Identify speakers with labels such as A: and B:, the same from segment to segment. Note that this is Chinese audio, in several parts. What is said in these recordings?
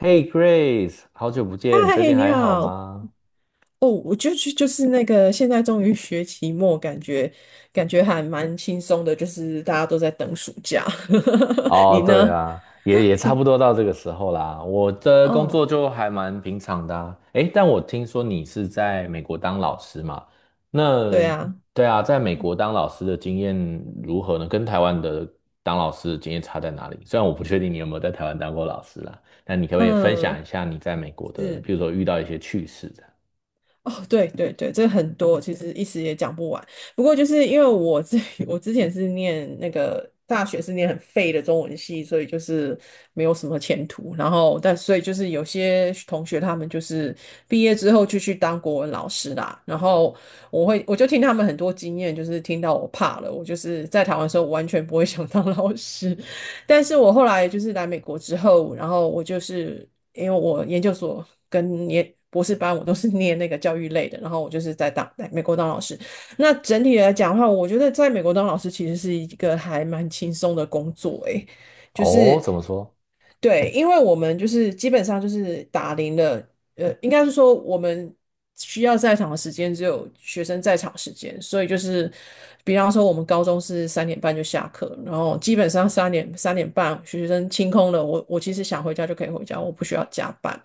A: Hey Grace，好久不见，你最
B: 嗨，
A: 近
B: 你
A: 还好
B: 好。
A: 吗？
B: 哦，我就是那个，现在终于学期末，感觉还蛮轻松的，就是大家都在等暑假。你
A: 哦，对
B: 呢？
A: 啊，也差不多到这个时候啦。我的工
B: 哦，
A: 作就还蛮平常的啊。诶，但我听说你是在美国当老师嘛？
B: 对
A: 那
B: 啊，
A: 对啊，在美国当老师的经验如何呢？跟台湾的当老师的经验差在哪里？虽然我不确定你有没有在台湾当过老师啦，那你可不可以分享
B: 嗯，
A: 一下你在美国的，
B: 是。
A: 比如说遇到一些趣事这样。
B: 哦，对对对，这很多，其实一时也讲不完。不过就是因为我之前是念那个大学是念很废的中文系，所以就是没有什么前途。然后所以就是有些同学他们就是毕业之后就去当国文老师啦。然后我就听他们很多经验，就是听到我怕了。我就是在台湾的时候，我完全不会想当老师，但是我后来就是来美国之后，然后我就是因为我研究所跟博士班我都是 念那个教育类的，然后我就是在美国当老师。那整体来讲的话，我觉得在美国当老师其实是一个还蛮轻松的工作，诶，就
A: 哦，
B: 是。
A: 怎么说？
B: 对，因为我们就是基本上就是打铃了，应该是说我们需要在场的时间只有学生在场时间，所以就是，比方说我们高中是三点半就下课，然后基本上三点半学生清空了，我其实想回家就可以回家，我不需要加班。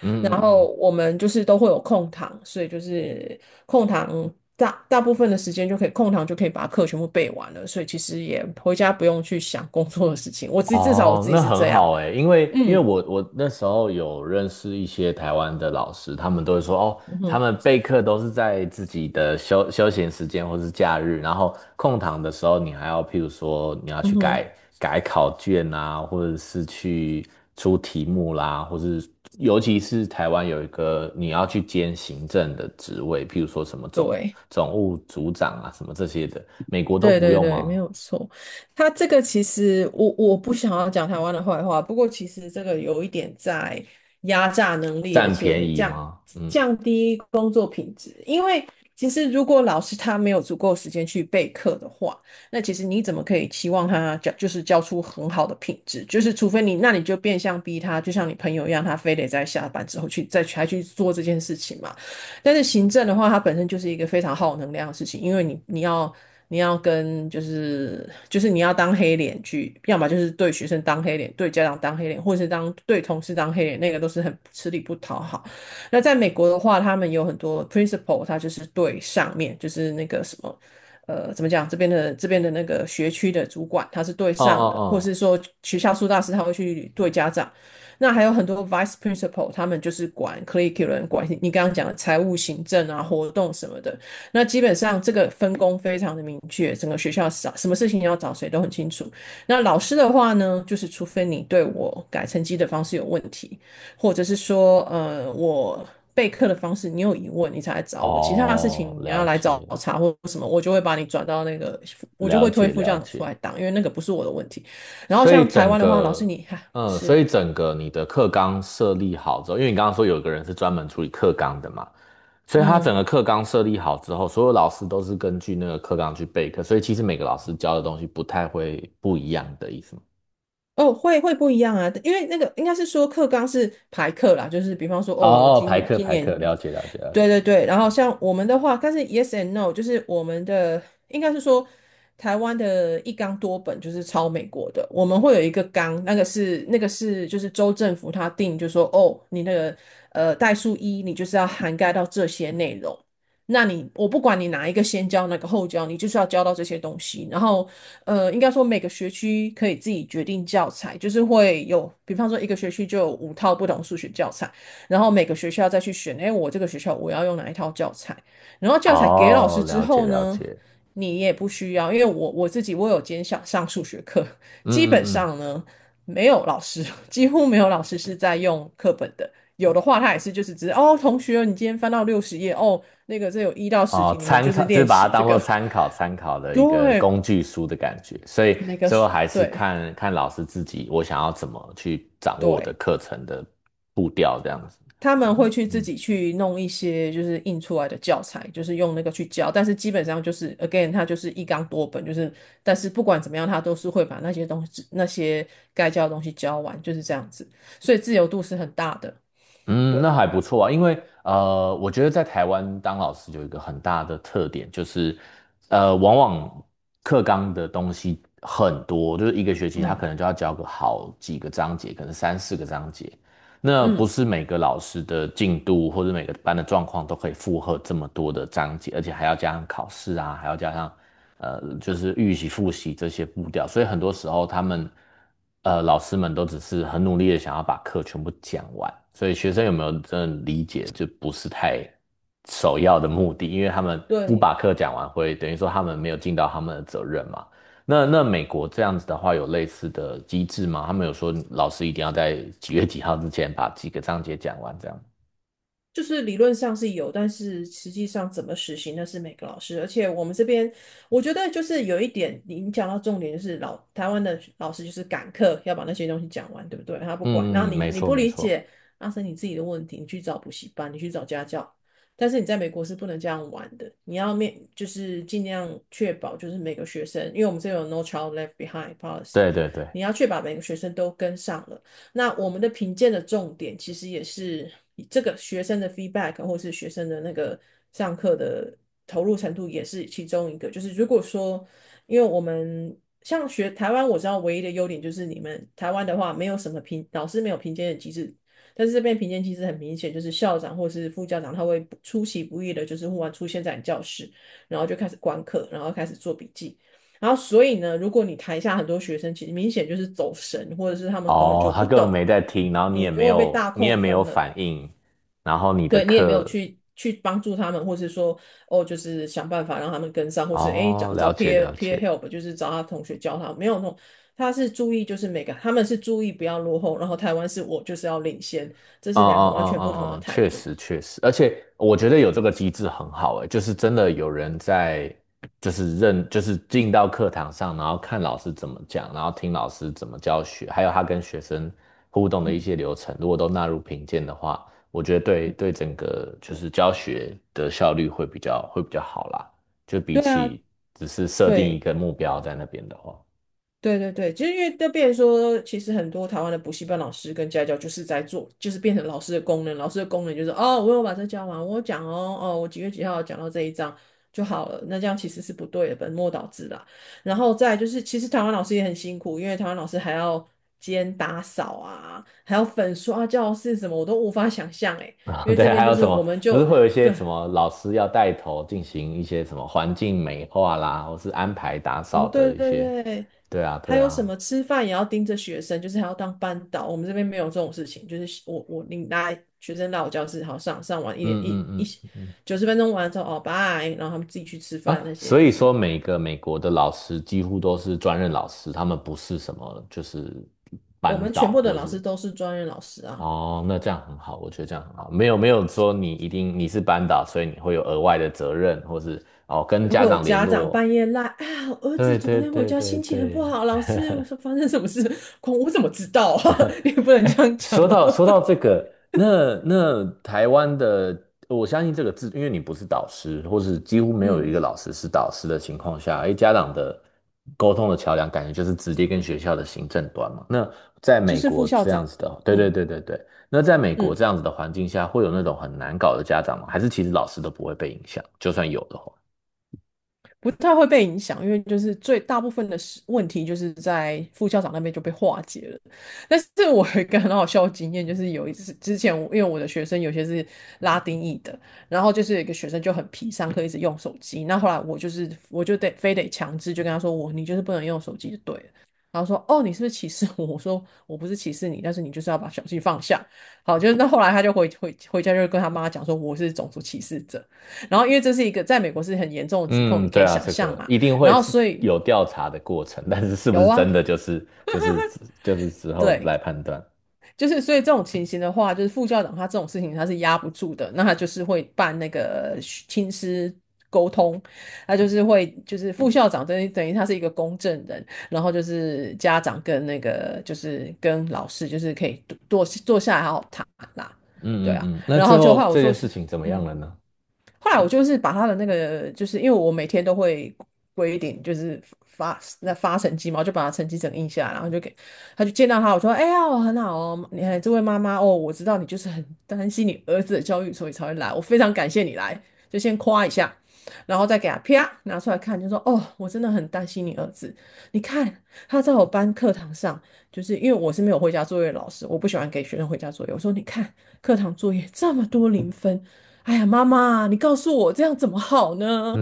A: 嗯
B: 然
A: 嗯嗯。
B: 后我们就是都会有空堂，所以就是空堂大部分的时间就可以空堂就可以把课全部背完了，所以其实也回家不用去想工作的事情，我自己至少我
A: 哦，
B: 自己
A: 那
B: 是
A: 很
B: 这样，
A: 好哎，因为
B: 嗯。
A: 我那时候有认识一些台湾的老师，他们都会说哦，
B: 嗯
A: 他
B: 哼，
A: 们备课都是在自己的休闲时间或是假日，然后空堂的时候，你还要譬如说你要
B: 嗯
A: 去改
B: 哼，
A: 改考卷啊，或者是去出题目啦，或是尤其是台湾有一个你要去兼行政的职位，譬如说什么总
B: 对，
A: 总务组长啊，什么这些的，美国都
B: 对
A: 不
B: 对
A: 用
B: 对，没
A: 吗？
B: 有错。他这个其实我不想要讲台湾的坏话，不过其实这个有一点在压榨能力，而
A: 占便
B: 且
A: 宜
B: 降
A: 吗？嗯。
B: 降低工作品质。因为其实如果老师他没有足够时间去备课的话，那其实你怎么可以期望他教就是教出很好的品质？就是除非你，那你就变相逼他，就像你朋友一样，他非得在下班之后去再去还去做这件事情嘛。但是行政的话，它本身就是一个非常耗能量的事情，因为你要跟就是你要当黑脸去，要么就是对学生当黑脸，对家长当黑脸，或者是对同事当黑脸，那个都是很吃力不讨好。那在美国的话，他们有很多 principal，他就是对上面就是那个什么。怎么讲？这边的那个学区的主管，他是对
A: 哦
B: 上
A: 哦
B: 的，或
A: 哦
B: 是说学校辅导师，他会去对家长。那还有很多 vice principal，他们就是管 curriculum，管你刚刚讲的财务、行政啊、活动什么的。那基本上这个分工非常的明确，整个学校找什么事情要找谁都很清楚。那老师的话呢，就是除非你对我改成绩的方式有问题，或者是说，备课的方式，你有疑问你才来找我，其他的事
A: 哦，
B: 情你要
A: 了
B: 来找
A: 解，
B: 查或什么，我就会把你转到那个，我就
A: 了
B: 会推
A: 解，
B: 副
A: 了
B: 校长出
A: 解。
B: 来当，因为那个不是我的问题。然后
A: 所以
B: 像台
A: 整
B: 湾的话，老师
A: 个，
B: 你哈、
A: 所
B: 是。
A: 以整个你的课纲设立好之后，因为你刚刚说有一个人是专门处理课纲的嘛，所以他整
B: 嗯，
A: 个课纲设立好之后，所有老师都是根据那个课纲去备课，所以其实每个老师教的东西不太会不一样的意思吗？
B: 哦，会不一样啊，因为那个应该是说课纲是排课啦，就是比方说，哦，
A: 哦，排课
B: 今
A: 排
B: 年
A: 课，了解了解了解。
B: 对对对，然后像我们的话，但是 yes and no，就是我们的应该是说，台湾的一纲多本就是抄美国的，我们会有一个纲，那个是就是州政府他定，就说哦，你那个代数一，你就是要涵盖到这些内容。那你我不管你哪一个先教，哪个后教，你就是要教到这些东西。然后应该说每个学区可以自己决定教材，就是会有，比方说一个学区就有五套不同数学教材。然后每个学校再去选，哎，我这个学校我要用哪一套教材，然后教材给老师
A: 哦，
B: 之
A: 了解
B: 后
A: 了
B: 呢，
A: 解。
B: 你也不需要，因为我自己我有兼想上数学课，
A: 嗯
B: 基本
A: 嗯嗯。
B: 上呢没有老师，几乎没有老师是在用课本的，有的话他也是就是只是哦，同学，你今天翻到60页哦，那个这有一到十
A: 哦，
B: 题，你们
A: 参
B: 就是
A: 考就是
B: 练
A: 把它
B: 习这
A: 当做
B: 个，
A: 参考参考 的一个
B: 对，
A: 工具书的感觉，所以
B: 那个
A: 最后
B: 是，
A: 还是
B: 对
A: 看看老师自己，我想要怎么去掌握我的
B: 对。
A: 课程的步调这样子。
B: 他们
A: 哦，
B: 会去自
A: 嗯
B: 己去弄一些就是印出来的教材，就是用那个去教，但是基本上就是 again，它就是一纲多本，就是但是不管怎么样，他都是会把那些该教的东西教完，就是这样子，所以自由度是很大的。
A: 嗯，
B: 对，
A: 那还不错啊，因为我觉得在台湾当老师有一个很大的特点，就是往往课纲的东西很多，就是一个学期他
B: 嗯
A: 可能就要教个好几个章节，可能三四个章节。那不
B: 嗯，
A: 是每个老师的进度或者每个班的状况都可以负荷这么多的章节，而且还要加上考试啊，还要加上就是预习、复习这些步调，所以很多时候他们老师们都只是很努力的想要把课全部讲完，所以学生有没有真的理解，就不是太首要的目的，因为他们不
B: 对。
A: 把课讲完会等于说他们没有尽到他们的责任嘛。那那美国这样子的话，有类似的机制吗？他们有说老师一定要在几月几号之前把几个章节讲完，这样。
B: 就是理论上是有，但是实际上怎么实行那是每个老师。而且我们这边，我觉得就是有一点，你讲到重点就是台湾的老师就是赶课，要把那些东西讲完，对不对？他不管，然后
A: 嗯嗯，
B: 你
A: 没
B: 你
A: 错
B: 不
A: 没
B: 理
A: 错，
B: 解，那是你自己的问题，你去找补习班，你去找家教。但是你在美国是不能这样玩的，你要就是尽量确保就是每个学生，因为我们这有 No Child Left Behind policy，
A: 对对对。
B: 你要确保每个学生都跟上了。那我们的评鉴的重点其实也是这个学生的 feedback 或是学生的那个上课的投入程度也是其中一个。就是如果说，因为我们像台湾，我知道唯一的优点就是你们台湾的话没有什么老师没有评鉴的机制。但是这边评鉴机制很明显，就是校长或是副校长他会出其不意的，就是忽然出现在你教室，然后就开始观课，然后开始做笔记。然后所以呢，如果你台下很多学生，其实明显就是走神，或者是他们根本
A: 哦，
B: 就
A: 他
B: 不
A: 根本
B: 懂，
A: 没在听，然后
B: 你就会被大
A: 你也
B: 扣
A: 没有
B: 分了。
A: 反应，然后你的
B: 对你也没有
A: 课，
B: 去帮助他们，或是说哦，就是想办法让他们跟上，或是诶
A: 哦，
B: 找找
A: 了解
B: peer
A: 了
B: peer
A: 解。
B: help，就是找他同学教他，没有那种。他是注意，就是每个他们是注意不要落后，然后台湾是我就是要领先，这
A: 嗯
B: 是两个
A: 嗯
B: 完
A: 嗯
B: 全不同
A: 嗯
B: 的
A: 嗯，
B: 态
A: 确
B: 度。
A: 实确实，而且我觉得有这个机制很好诶，就是真的有人在，就是认，就是进到课堂上，然后看老师怎么讲，然后听老师怎么教学，还有他跟学生互动的一些流程，如果都纳入评鉴的话，我觉得对
B: 嗯，
A: 对整个就是教学的效率会比较好啦，就比
B: 对啊，
A: 起只是设定一
B: 对。
A: 个目标在那边的话。
B: 对对对，其实因为就变成说，其实很多台湾的补习班老师跟家教就是在做，就是变成老师的功能。老师的功能就是哦，我有把这教完，我有讲哦，哦，我几月几号讲到这一章就好了。那这样其实是不对的，本末倒置啦。然后再来就是，其实台湾老师也很辛苦，因为台湾老师还要兼打扫啊，还要粉刷教室什么，我都无法想象诶。因 为
A: 对，
B: 这边
A: 还
B: 就
A: 有
B: 是
A: 什
B: 我
A: 么？
B: 们
A: 不是
B: 就
A: 会有一 些
B: 对
A: 什么老师要带头进行一些什么环境美化啦，或是安排打
B: 哦，
A: 扫的
B: 对
A: 一些？
B: 对对，
A: 对啊，
B: 还
A: 对
B: 有什
A: 啊，
B: 么吃饭也要盯着学生，就是还要当班导。我们这边没有这种事情，就是我你拿学生到我教室，好上完一点
A: 嗯
B: 一一
A: 嗯嗯嗯。
B: 90分钟完了之后，哦，拜，然后他们自己去吃饭
A: 啊，
B: 那些，
A: 所
B: 就
A: 以说
B: 是
A: 每个美国的老师几乎都是专任老师，他们不是什么就是
B: 我
A: 班
B: 们全
A: 导
B: 部的
A: 或
B: 老师
A: 是
B: 都是专业老师啊。
A: 哦，那这样很好，我觉得这样很好，没有没有说你一定你是班导，所以你会有额外的责任，或是哦跟
B: 然后
A: 家
B: 有
A: 长联
B: 家长
A: 络。
B: 半夜赖啊，我儿子
A: 对
B: 昨
A: 对
B: 天回
A: 对
B: 家
A: 对
B: 心情很不
A: 对，
B: 好，老师，我说发生什么事？我怎么知道啊？你不能这
A: 哎，
B: 样讲
A: 说
B: 啊。
A: 到说到 这个，那那台湾的，我相信这个字，因为你不是导师，或是几乎没有一
B: 嗯，
A: 个老师是导师的情况下，哎，家长的沟通的桥梁，感觉就是直接跟学校的行政端嘛。那在
B: 就
A: 美
B: 是副
A: 国
B: 校
A: 这样
B: 长，
A: 子的，对对
B: 嗯
A: 对对对，那在美国
B: 嗯。
A: 这样子的环境下，会有那种很难搞的家长吗？还是其实老师都不会被影响，就算有的话？
B: 不太会被影响，因为就是最大部分的问题就是在副校长那边就被化解了。但是我有一个很好笑的经验，就是有一次之前我因为我的学生有些是拉丁裔的，然后就是有一个学生就很皮，上课一直用手机。那后来我就得非得强制就跟他说你就是不能用手机就对了。然后说哦你是不是歧视我？我说我不是歧视你，但是你就是要把手机放下。好，就是那后来他就回家就跟他妈讲说我是种族歧视者。然后因为这是一个在美国是很严重的指控，
A: 嗯，
B: 你可
A: 对
B: 以
A: 啊，
B: 想
A: 这
B: 象
A: 个
B: 嘛。
A: 一定
B: 然
A: 会
B: 后
A: 自
B: 所以
A: 有调查的过程，但是是不
B: 有
A: 是真的
B: 啊，
A: 就是就是之后
B: 对，
A: 来判断。
B: 就是所以这种情形的话，就是副校长他这种事情他是压不住的，那他就是会办那个亲师。沟通，他就是会，就是副校长等于他是一个公证人，然后就是家长跟那个就是跟老师，就是可以坐下来好好谈啦，对
A: 嗯嗯
B: 啊，
A: 嗯，那
B: 然
A: 最
B: 后就后来
A: 后
B: 我
A: 这
B: 做，
A: 件事情怎么样
B: 嗯，
A: 了呢？
B: 后来我就是把他的那个，就是因为我每天都会规定，就是发那发成绩嘛，我就把他成绩整印下来，然后就给他就见到他，我说：“哎呀，我很好哦，你看这位妈妈哦，我知道你就是很担心你儿子的教育，所以才会来，我非常感谢你来，就先夸一下，然后再给他啪拿出来看，就说：哦，我真的很担心你儿子，你看他在我班课堂上，就是因为我是没有回家作业的老师，我不喜欢给学生回家作业，我说你看课堂作业这么多零分。”哎呀，妈妈，你告诉我这样怎么好呢？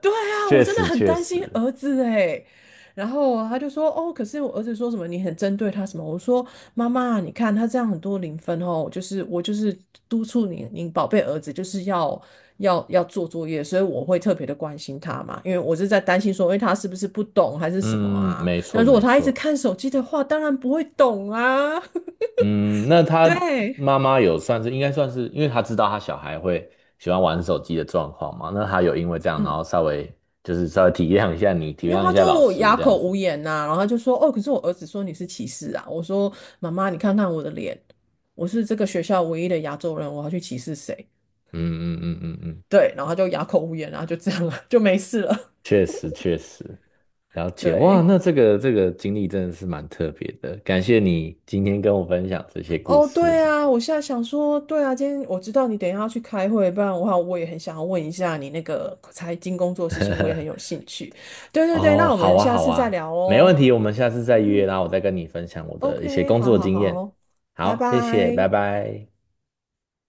B: 对 啊，我
A: 确
B: 真的
A: 实
B: 很
A: 确
B: 担心
A: 实，
B: 儿子哎。然后他就说，哦，可是我儿子说什么你很针对他什么？我说，妈妈，你看他这样很多零分哦，就是我就是督促你，你宝贝儿子就是要做作业，所以我会特别的关心他嘛，因为我是在担心说，因为他是不是不懂还是什么
A: 嗯，嗯
B: 啊？
A: 没
B: 那
A: 错
B: 如果
A: 没
B: 他一直
A: 错，
B: 看手机的话，当然不会懂啊。
A: 嗯，那 他
B: 对，
A: 妈妈有算是应该算是，因为他知道他小孩会喜欢玩手机的状况嘛，那他有因为这样，然
B: 嗯。
A: 后稍微就是稍微体谅一下你，体
B: 因为
A: 谅
B: 他
A: 一下老
B: 就
A: 师
B: 哑
A: 这样
B: 口
A: 子，
B: 无言呐、然后他就说：“哦，可是我儿子说你是歧视啊。”我说：“妈妈，你看看我的脸，我是这个学校唯一的亚洲人，我要去歧视谁？”
A: 嗯嗯嗯嗯嗯，
B: 对，然后他就哑口无言然后就这样了，就没事了。
A: 确实确实，了解，哇，
B: 对，
A: 那这个这个经历真的是蛮特别的，感谢你今天跟我分享这些故
B: 哦，
A: 事。
B: 对啊，我现在想说，对啊，今天我知道你等一下要去开会，不然的话，我也很想要问一下你那个财经工作的事情，我也很有兴趣。对对对，
A: 哦，
B: 那我
A: 好
B: 们
A: 啊，
B: 下
A: 好
B: 次再
A: 啊，
B: 聊
A: 没
B: 哦。
A: 问题，我们下次再约，
B: 嗯
A: 然后我再跟你分享我的一些
B: ，OK，
A: 工
B: 好
A: 作
B: 好
A: 经验。
B: 好，拜
A: 好，谢谢，拜
B: 拜。
A: 拜。